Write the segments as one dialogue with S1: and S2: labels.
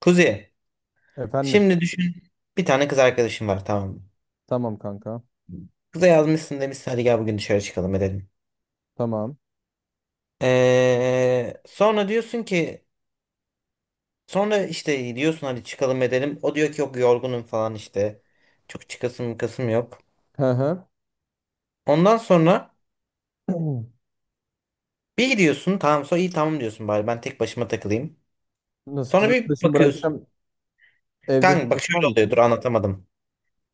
S1: Kuzi,
S2: Efendim.
S1: şimdi düşün bir tane kız arkadaşın var tamam mı?
S2: Tamam kanka.
S1: Kıza yazmışsın demişsin hadi gel bugün dışarı çıkalım edelim.
S2: Tamam.
S1: Ee, sonra diyorsun ki sonra işte diyorsun hadi çıkalım edelim. O diyor ki yok yorgunum falan işte. Çok çıkasım kasım yok.
S2: Hı hı.
S1: Ondan sonra bir gidiyorsun tamam sonra iyi tamam diyorsun bari ben tek başıma takılayım.
S2: Nasıl kız
S1: Sonra bir
S2: arkadaşımı
S1: bakıyorsun.
S2: bırakacağım? Evde
S1: Kanka bak
S2: başıma
S1: şöyle
S2: mı
S1: oluyor dur
S2: geçeyim?
S1: anlatamadım.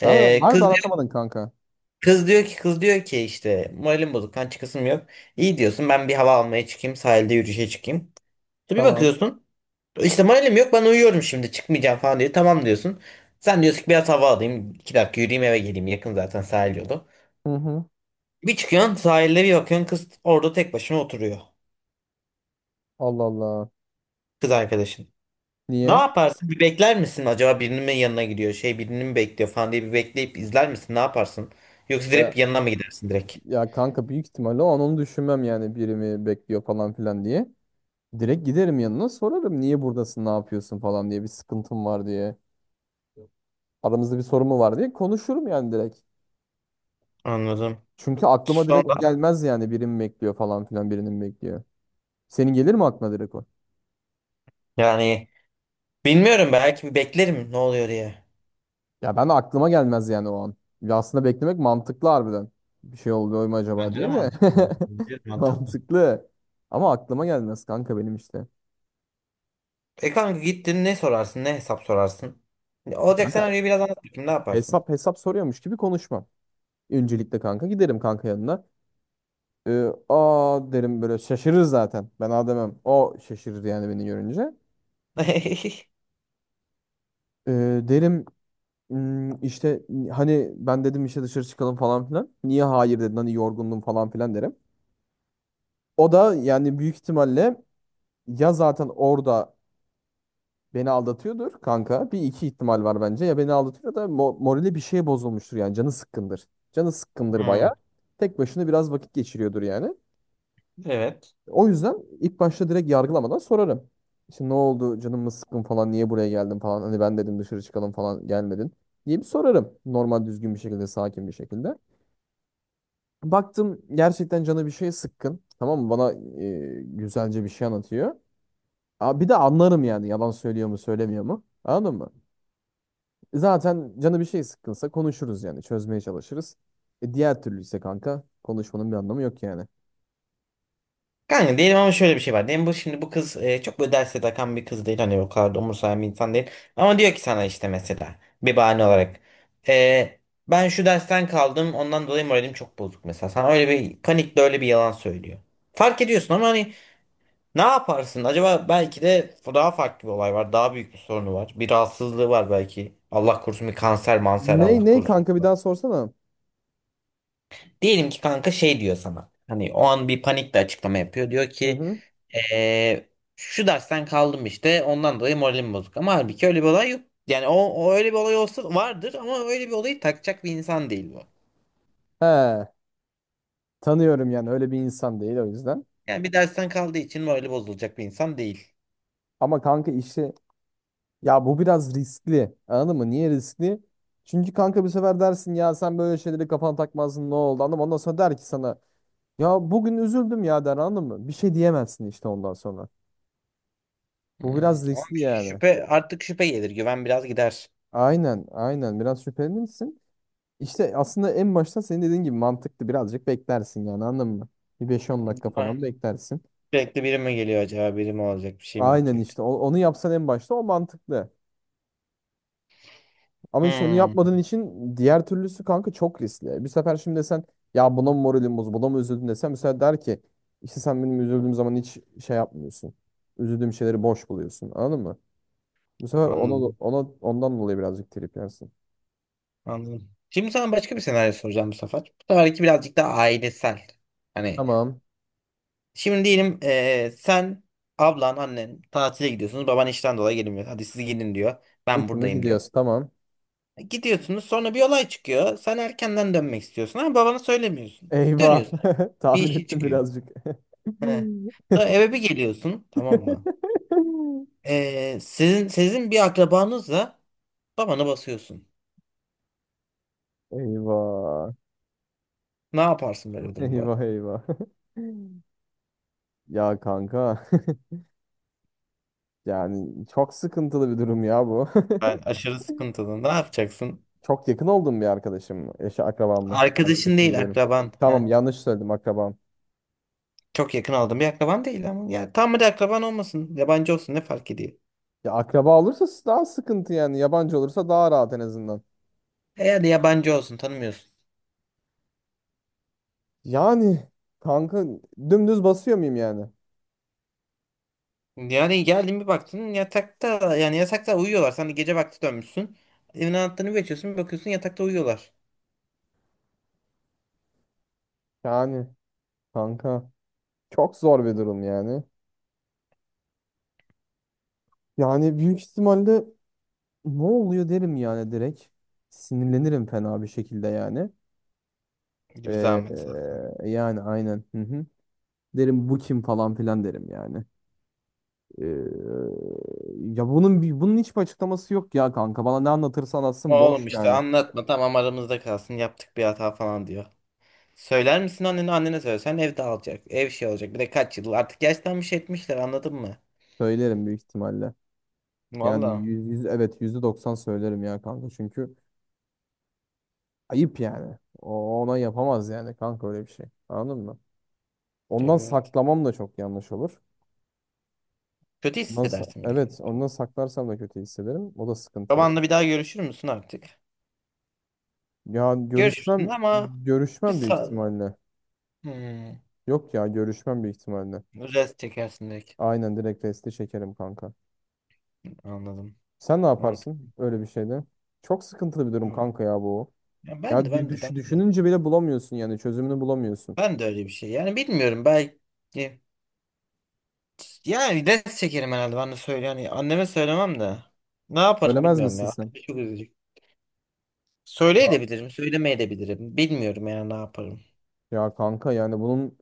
S2: Abi,
S1: Ee,
S2: harbi
S1: kız,
S2: anlatamadın kanka.
S1: kız diyor ki işte moralim bozuk kan çıkasım yok. İyi diyorsun ben bir hava almaya çıkayım sahilde yürüyüşe çıkayım. Bir
S2: Tamam.
S1: bakıyorsun. İşte moralim yok ben uyuyorum şimdi çıkmayacağım falan diyor. Tamam diyorsun. Sen diyorsun ki biraz hava alayım. İki dakika yürüyeyim eve geleyim. Yakın zaten sahil yolu.
S2: Hı hı.
S1: Bir çıkıyorsun sahilde bir bakıyorsun kız orada tek başına oturuyor.
S2: Allah Allah.
S1: Kız arkadaşın. Ne
S2: Niye?
S1: yaparsın? Bir bekler misin? Acaba birinin mi yanına gidiyor? Şey birini mi bekliyor falan diye bir bekleyip izler misin? Ne yaparsın? Yoksa direkt
S2: Ya,
S1: yanına mı gidersin direkt?
S2: ya kanka büyük ihtimalle o an onu düşünmem yani biri mi bekliyor falan filan diye. Direkt giderim yanına sorarım niye buradasın ne yapıyorsun falan diye bir sıkıntım var diye. Aramızda bir sorun mu var diye konuşurum yani direkt.
S1: Anladım.
S2: Çünkü aklıma direkt o
S1: Sonra
S2: gelmez yani biri mi bekliyor falan filan birinin bekliyor. Senin gelir mi aklına direkt o?
S1: yani bilmiyorum belki bir beklerim ne oluyor diye.
S2: Ya ben de aklıma gelmez yani o an. Ya aslında beklemek mantıklı harbiden. Bir şey oluyor mu acaba
S1: Bence de
S2: diye de.
S1: mantıklı. Bence de mantıklı.
S2: Mantıklı. Ama aklıma gelmez kanka benim işte.
S1: E kanka gittin ne sorarsın ne hesap sorarsın.
S2: E
S1: Olacak
S2: kanka
S1: senaryoyu biraz anlat bakayım ne yaparsın?
S2: hesap hesap soruyormuş gibi konuşmam. Öncelikle kanka giderim kanka yanına. Aa derim böyle şaşırır zaten. Ben aa demem. O şaşırır yani beni görünce. Ee, Derim "Hmm, işte hani ben dedim işte dışarı çıkalım falan filan. Niye hayır dedin hani yorgundum falan filan derim. O da yani büyük ihtimalle ya zaten orada beni aldatıyordur kanka. Bir iki ihtimal var bence. Ya beni aldatıyor da morali bir şeye bozulmuştur yani. Canı sıkkındır. Canı sıkkındır baya.
S1: Hmm,
S2: Tek başına biraz vakit geçiriyordur yani.
S1: evet.
S2: O yüzden ilk başta direkt yargılamadan sorarım. Şimdi ne oldu? Canım mı sıkkın falan? Niye buraya geldin falan? Hani ben dedim dışarı çıkalım falan gelmedin diye bir sorarım. Normal düzgün bir şekilde, sakin bir şekilde. Baktım gerçekten canı bir şeye sıkkın. Tamam mı? Bana güzelce bir şey anlatıyor. Aa, bir de anlarım yani yalan söylüyor mu söylemiyor mu? Anladın mı? Zaten canı bir şey sıkkınsa konuşuruz yani çözmeye çalışırız. E diğer türlü ise kanka konuşmanın bir anlamı yok yani.
S1: Kanka değilim ama şöyle bir şey var. Diyelim bu şimdi bu kız çok böyle derse takan bir kız değil. Hani o kadar da umursayan bir insan değil. Ama diyor ki sana işte mesela bir bahane olarak. e, Ben şu dersten kaldım ondan dolayı moralim çok bozuk mesela. Sana öyle bir panikle öyle bir yalan söylüyor. Fark ediyorsun ama hani ne yaparsın? Acaba belki de daha farklı bir olay var. Daha büyük bir sorunu var. Bir rahatsızlığı var belki. Allah korusun bir kanser manser
S2: Ney
S1: Allah
S2: ney
S1: korusun.
S2: kanka bir daha sorsana.
S1: Diyelim ki kanka şey diyor sana. Hani o an bir panikle açıklama yapıyor. Diyor
S2: Hı
S1: ki
S2: hı.
S1: Ee, şu dersten kaldım işte ondan dolayı moralim bozuk. Ama halbuki öyle bir olay yok. Yani o öyle bir olay olsa vardır ama öyle bir olayı takacak bir insan değil bu.
S2: He, tanıyorum yani öyle bir insan değil o yüzden.
S1: Yani bir dersten kaldığı için morali bozulacak bir insan değil.
S2: Ama kanka işi ya bu biraz riskli. Anladın mı? Niye riskli? Çünkü kanka bir sefer dersin ya sen böyle şeyleri kafana takmazdın ne oldu anladın mı? Ondan sonra der ki sana ya bugün üzüldüm ya der anladın mı? Bir şey diyemezsin işte ondan sonra. Bu
S1: Hmm,
S2: biraz
S1: ama
S2: riskli yani.
S1: şüphe artık şüphe gelir güven biraz gider.
S2: Aynen aynen biraz şüpheli misin? İşte aslında en başta senin dediğin gibi mantıklı birazcık beklersin yani anladın mı? Bir 5-10 dakika
S1: Ah,
S2: falan beklersin.
S1: sürekli biri mi geliyor acaba biri mi olacak bir şey mi
S2: Aynen
S1: olacak?
S2: işte onu yapsan en başta o mantıklı. Ama işte onu
S1: Hmm,
S2: yapmadığın için diğer türlüsü kanka çok riskli. Bir sefer şimdi desen ya buna mı moralim bozuldu buna mı üzüldün desem mesela der ki işte sen benim üzüldüğüm zaman hiç şey yapmıyorsun. Üzüldüğüm şeyleri boş buluyorsun anladın mı? Bu sefer ona,
S1: anladım
S2: ondan dolayı birazcık trip yersin.
S1: anladım. Şimdi sana başka bir senaryo soracağım bu sefer. Bu seferki birazcık daha ailesel. Hani
S2: Tamam.
S1: şimdi diyelim sen, ablan, annen tatile gidiyorsunuz. Baban işten dolayı gelmiyor. Hadi siz gidin diyor. Ben
S2: Üçümüz
S1: buradayım diyor.
S2: gidiyoruz tamam.
S1: Gidiyorsunuz sonra bir olay çıkıyor. Sen erkenden dönmek istiyorsun ama babana söylemiyorsun.
S2: Eyvah.
S1: Dönüyorsun. Bir
S2: Tahmin
S1: işi
S2: ettim
S1: çıkıyor.
S2: birazcık.
S1: He. Sonra eve bir geliyorsun tamam mı? Sizin bir akrabanızla babana basıyorsun.
S2: Eyvah.
S1: Ne yaparsın böyle bir durumda?
S2: Eyvah eyvah. Ya kanka yani çok sıkıntılı bir durum ya bu.
S1: Ben aşırı sıkıntılı. Ne yapacaksın?
S2: Çok yakın olduğum bir arkadaşım mı? Eşi akrabam mı?
S1: Arkadaşın
S2: Arkadaşım
S1: değil
S2: diyorum.
S1: akraban.
S2: Tamam yanlış söyledim akrabam.
S1: Çok yakın aldığım bir akraban değil ama. Ya tam bir akraban olmasın. Yabancı olsun ne fark ediyor?
S2: Ya akraba olursa daha sıkıntı yani. Yabancı olursa daha rahat en azından.
S1: E yani yabancı olsun tanımıyorsun.
S2: Yani kanka dümdüz basıyor muyum yani?
S1: Yani geldin bir baktın yatakta yani yatakta uyuyorlar. Sen de gece vakti dönmüşsün. Evin anahtarını geçiyorsun bir bakıyorsun yatakta uyuyorlar.
S2: Yani kanka çok zor bir durum yani. Yani büyük ihtimalle ne oluyor derim yani direkt. Sinirlenirim fena bir şekilde yani.
S1: Bir
S2: Ee,
S1: zahmet zaten.
S2: yani aynen. Hı hı. Derim bu kim falan filan derim yani. Ee, Ya bunun bunun hiçbir açıklaması yok ya kanka. Bana ne anlatırsa anlatsın
S1: Oğlum
S2: boş
S1: işte
S2: yani.
S1: anlatma tamam aramızda kalsın yaptık bir hata falan diyor. Söyler misin annene annene söylesen ev dağılacak. Ev şey olacak bir de kaç yıl artık yaşlanmış etmişler anladın mı?
S2: Söylerim büyük ihtimalle. Yani
S1: Valla.
S2: yüz, yüz evet, %90 söylerim ya kanka. Çünkü ayıp yani. O ona yapamaz yani kanka öyle bir şey. Anladın mı? Ondan
S1: Evet.
S2: saklamam da çok yanlış olur.
S1: Kötü
S2: Ondan
S1: hissedersin bir de.
S2: evet, ondan
S1: Kendini.
S2: saklarsam da kötü hissederim. O da sıkıntı yani.
S1: Babanla bir daha görüşür müsün artık?
S2: Ya
S1: Görüşürsün
S2: görüşmem,
S1: ama bir
S2: büyük
S1: sağ...
S2: ihtimalle.
S1: Hmm.
S2: Yok ya görüşmem büyük ihtimalle.
S1: Rest çekersin direkt.
S2: Aynen direkt resti çekerim kanka.
S1: Anladım.
S2: Sen ne yaparsın
S1: Mantıklı.
S2: öyle bir şeyde? Çok sıkıntılı bir durum kanka ya bu.
S1: Ya ben
S2: Ya
S1: de ben de ben de.
S2: düşününce bile bulamıyorsun yani çözümünü bulamıyorsun.
S1: Ben de öyle bir şey. Yani bilmiyorum belki. Yani rest çekerim herhalde. Ben de söyle. Yani anneme söylemem de. Ne yaparım
S2: Bölemez
S1: bilmiyorum
S2: misin
S1: ya.
S2: sen?
S1: Çok üzücü. Söyleyebilirim, söylemeyebilirim. Bilmiyorum yani ne yaparım.
S2: Ya kanka yani bunun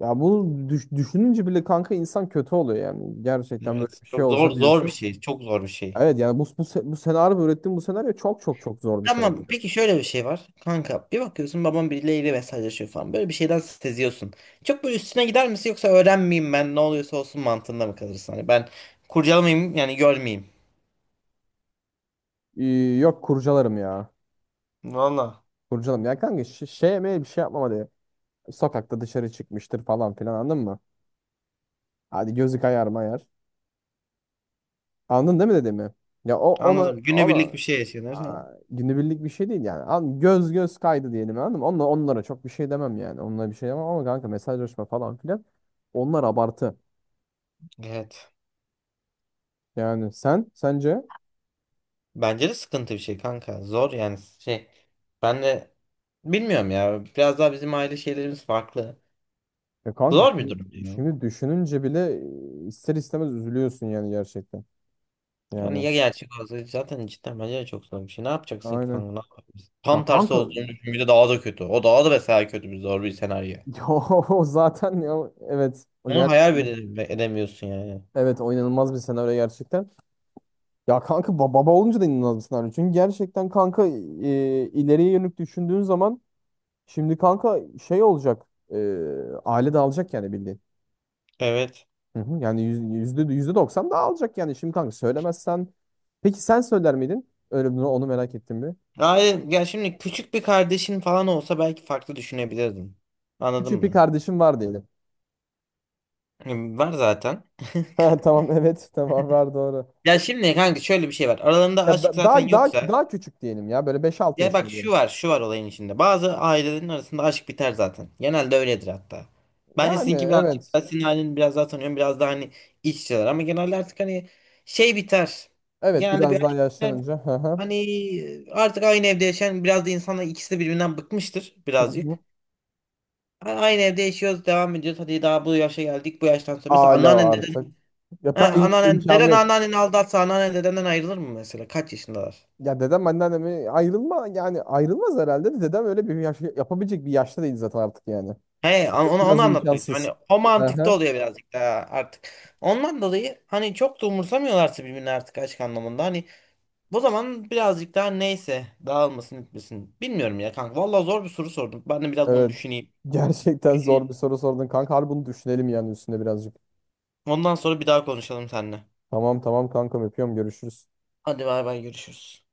S2: ya bunu düşününce bile kanka insan kötü oluyor yani. Gerçekten böyle
S1: Evet,
S2: bir şey
S1: çok zor
S2: olsa
S1: zor bir
S2: diyorsun.
S1: şey. Çok zor bir şey.
S2: Evet yani bu senaryo ürettiğim bu senaryo çok çok çok zor bir senaryo.
S1: Tamam. Peki şöyle bir şey var. Kanka bir bakıyorsun babam birileriyle mesajlaşıyor falan. Böyle bir şeyden seziyorsun. Çok böyle üstüne gider misin yoksa öğrenmeyeyim ben ne oluyorsa olsun mantığında mı kalırsın? Hani ben kurcalamayayım yani görmeyeyim.
S2: Ee, yok, kurcalarım ya.
S1: Valla.
S2: Burcu'nun ya kanka şey yemeğe bir şey yapmam hadi. Sokakta dışarı çıkmıştır falan filan anladın mı? Hadi gözü kayar mayar. Anladın değil mi dediğimi? Ya o
S1: Anladım. Günübirlik bir
S2: ona
S1: şey yaşıyorlar. Ha.
S2: aa, günübirlik bir şey değil yani. An göz göz kaydı diyelim anladın mı? Onlara çok bir şey demem yani. Onlara bir şey demem ama kanka mesajlaşma falan filan. Onlar abartı.
S1: Evet.
S2: Yani sen sence
S1: Bence de sıkıntı bir şey kanka. Zor yani şey. Ben de bilmiyorum ya. Biraz daha bizim aile şeylerimiz farklı.
S2: ya kanka
S1: Zor bir
S2: şimdi,
S1: durum ya.
S2: düşününce bile ister istemez üzülüyorsun yani gerçekten.
S1: Yani
S2: Yani
S1: ya gerçek olsa zaten cidden bence de çok zor bir şey. Ne yapacaksın ki
S2: aynen.
S1: kanka? Ne yapabilirsin?
S2: Ya
S1: Tam tersi
S2: kanka
S1: olduğunu düşün. Bir de daha da kötü. O daha da mesela kötü bir zor bir senaryo.
S2: ya o zaten ya evet o
S1: Bunu
S2: ger.
S1: hayal bile edemiyorsun yani.
S2: Evet o inanılmaz bir senaryo gerçekten. Ya kanka baba olunca da inanılmaz bir senaryo. Çünkü gerçekten kanka ileriye yönelik düşündüğün zaman şimdi kanka şey olacak. e, aile dağılacak yani bildiğin.
S1: Evet.
S2: Hı hı. Yani yüzde doksan dağılacak yani. Şimdi kanka söylemezsen. Peki sen söyler miydin? Öyle bunu onu merak ettim bir.
S1: Yani ya şimdi küçük bir kardeşin falan olsa belki farklı düşünebilirdim. Anladın
S2: Küçük bir
S1: mı?
S2: kardeşim var diyelim.
S1: Yani var zaten.
S2: Ha, tamam evet, tamam var doğru.
S1: Ya şimdi kanka şöyle bir şey var. Aralarında
S2: Ya
S1: aşk zaten
S2: daha daha
S1: yoksa
S2: daha küçük diyelim ya böyle beş altı
S1: ya bak
S2: yaşında
S1: şu
S2: diyelim.
S1: var, şu var olayın içinde. Bazı ailelerin arasında aşk biter zaten. Genelde öyledir hatta. Bence
S2: Yani
S1: sizinki birazcık
S2: evet.
S1: daha senin ailen biraz daha tanıyorum. Biraz daha hani iç içeler. Ama genelde artık hani şey biter.
S2: Evet
S1: Genelde bir
S2: biraz daha
S1: aşk biter.
S2: yaşlanınca. Hı hı.
S1: Hani artık aynı evde yaşayan biraz da insanlar ikisi de birbirinden bıkmıştır
S2: Hı hı.
S1: birazcık. Aynı evde yaşıyoruz, devam ediyoruz. Hadi daha bu yaşa geldik. Bu yaştan sonra mesela
S2: Hala
S1: anneannen deden,
S2: artık. Ya
S1: he,
S2: ben,
S1: anneannen
S2: imkanı
S1: deden
S2: yok.
S1: anneanneni aldatsa anneannen dedenden ayrılır mı mesela? Kaç yaşındalar?
S2: Ya dedem anneannemi ayrılma yani ayrılmaz herhalde de dedem öyle bir yaş yapabilecek bir yaşta değil zaten artık yani.
S1: He, onu
S2: Biraz
S1: anlatmak istiyorum.
S2: imkansız.
S1: Hani o mantıkta
S2: Aha,
S1: oluyor birazcık daha artık. Ondan dolayı hani çok da umursamıyorlarsa birbirini artık aşk anlamında. Hani bu zaman birazcık daha neyse dağılmasın etmesin. Bilmiyorum ya kanka. Vallahi zor bir soru sordum. Ben de biraz bunu
S2: evet.
S1: düşüneyim.
S2: Gerçekten
S1: Düşüneyim.
S2: zor bir soru sordun kanka. Harbi bunu düşünelim yani üstüne birazcık.
S1: Ondan sonra bir daha konuşalım seninle.
S2: Tamam tamam kankam öpüyorum görüşürüz.
S1: Hadi bay bay görüşürüz.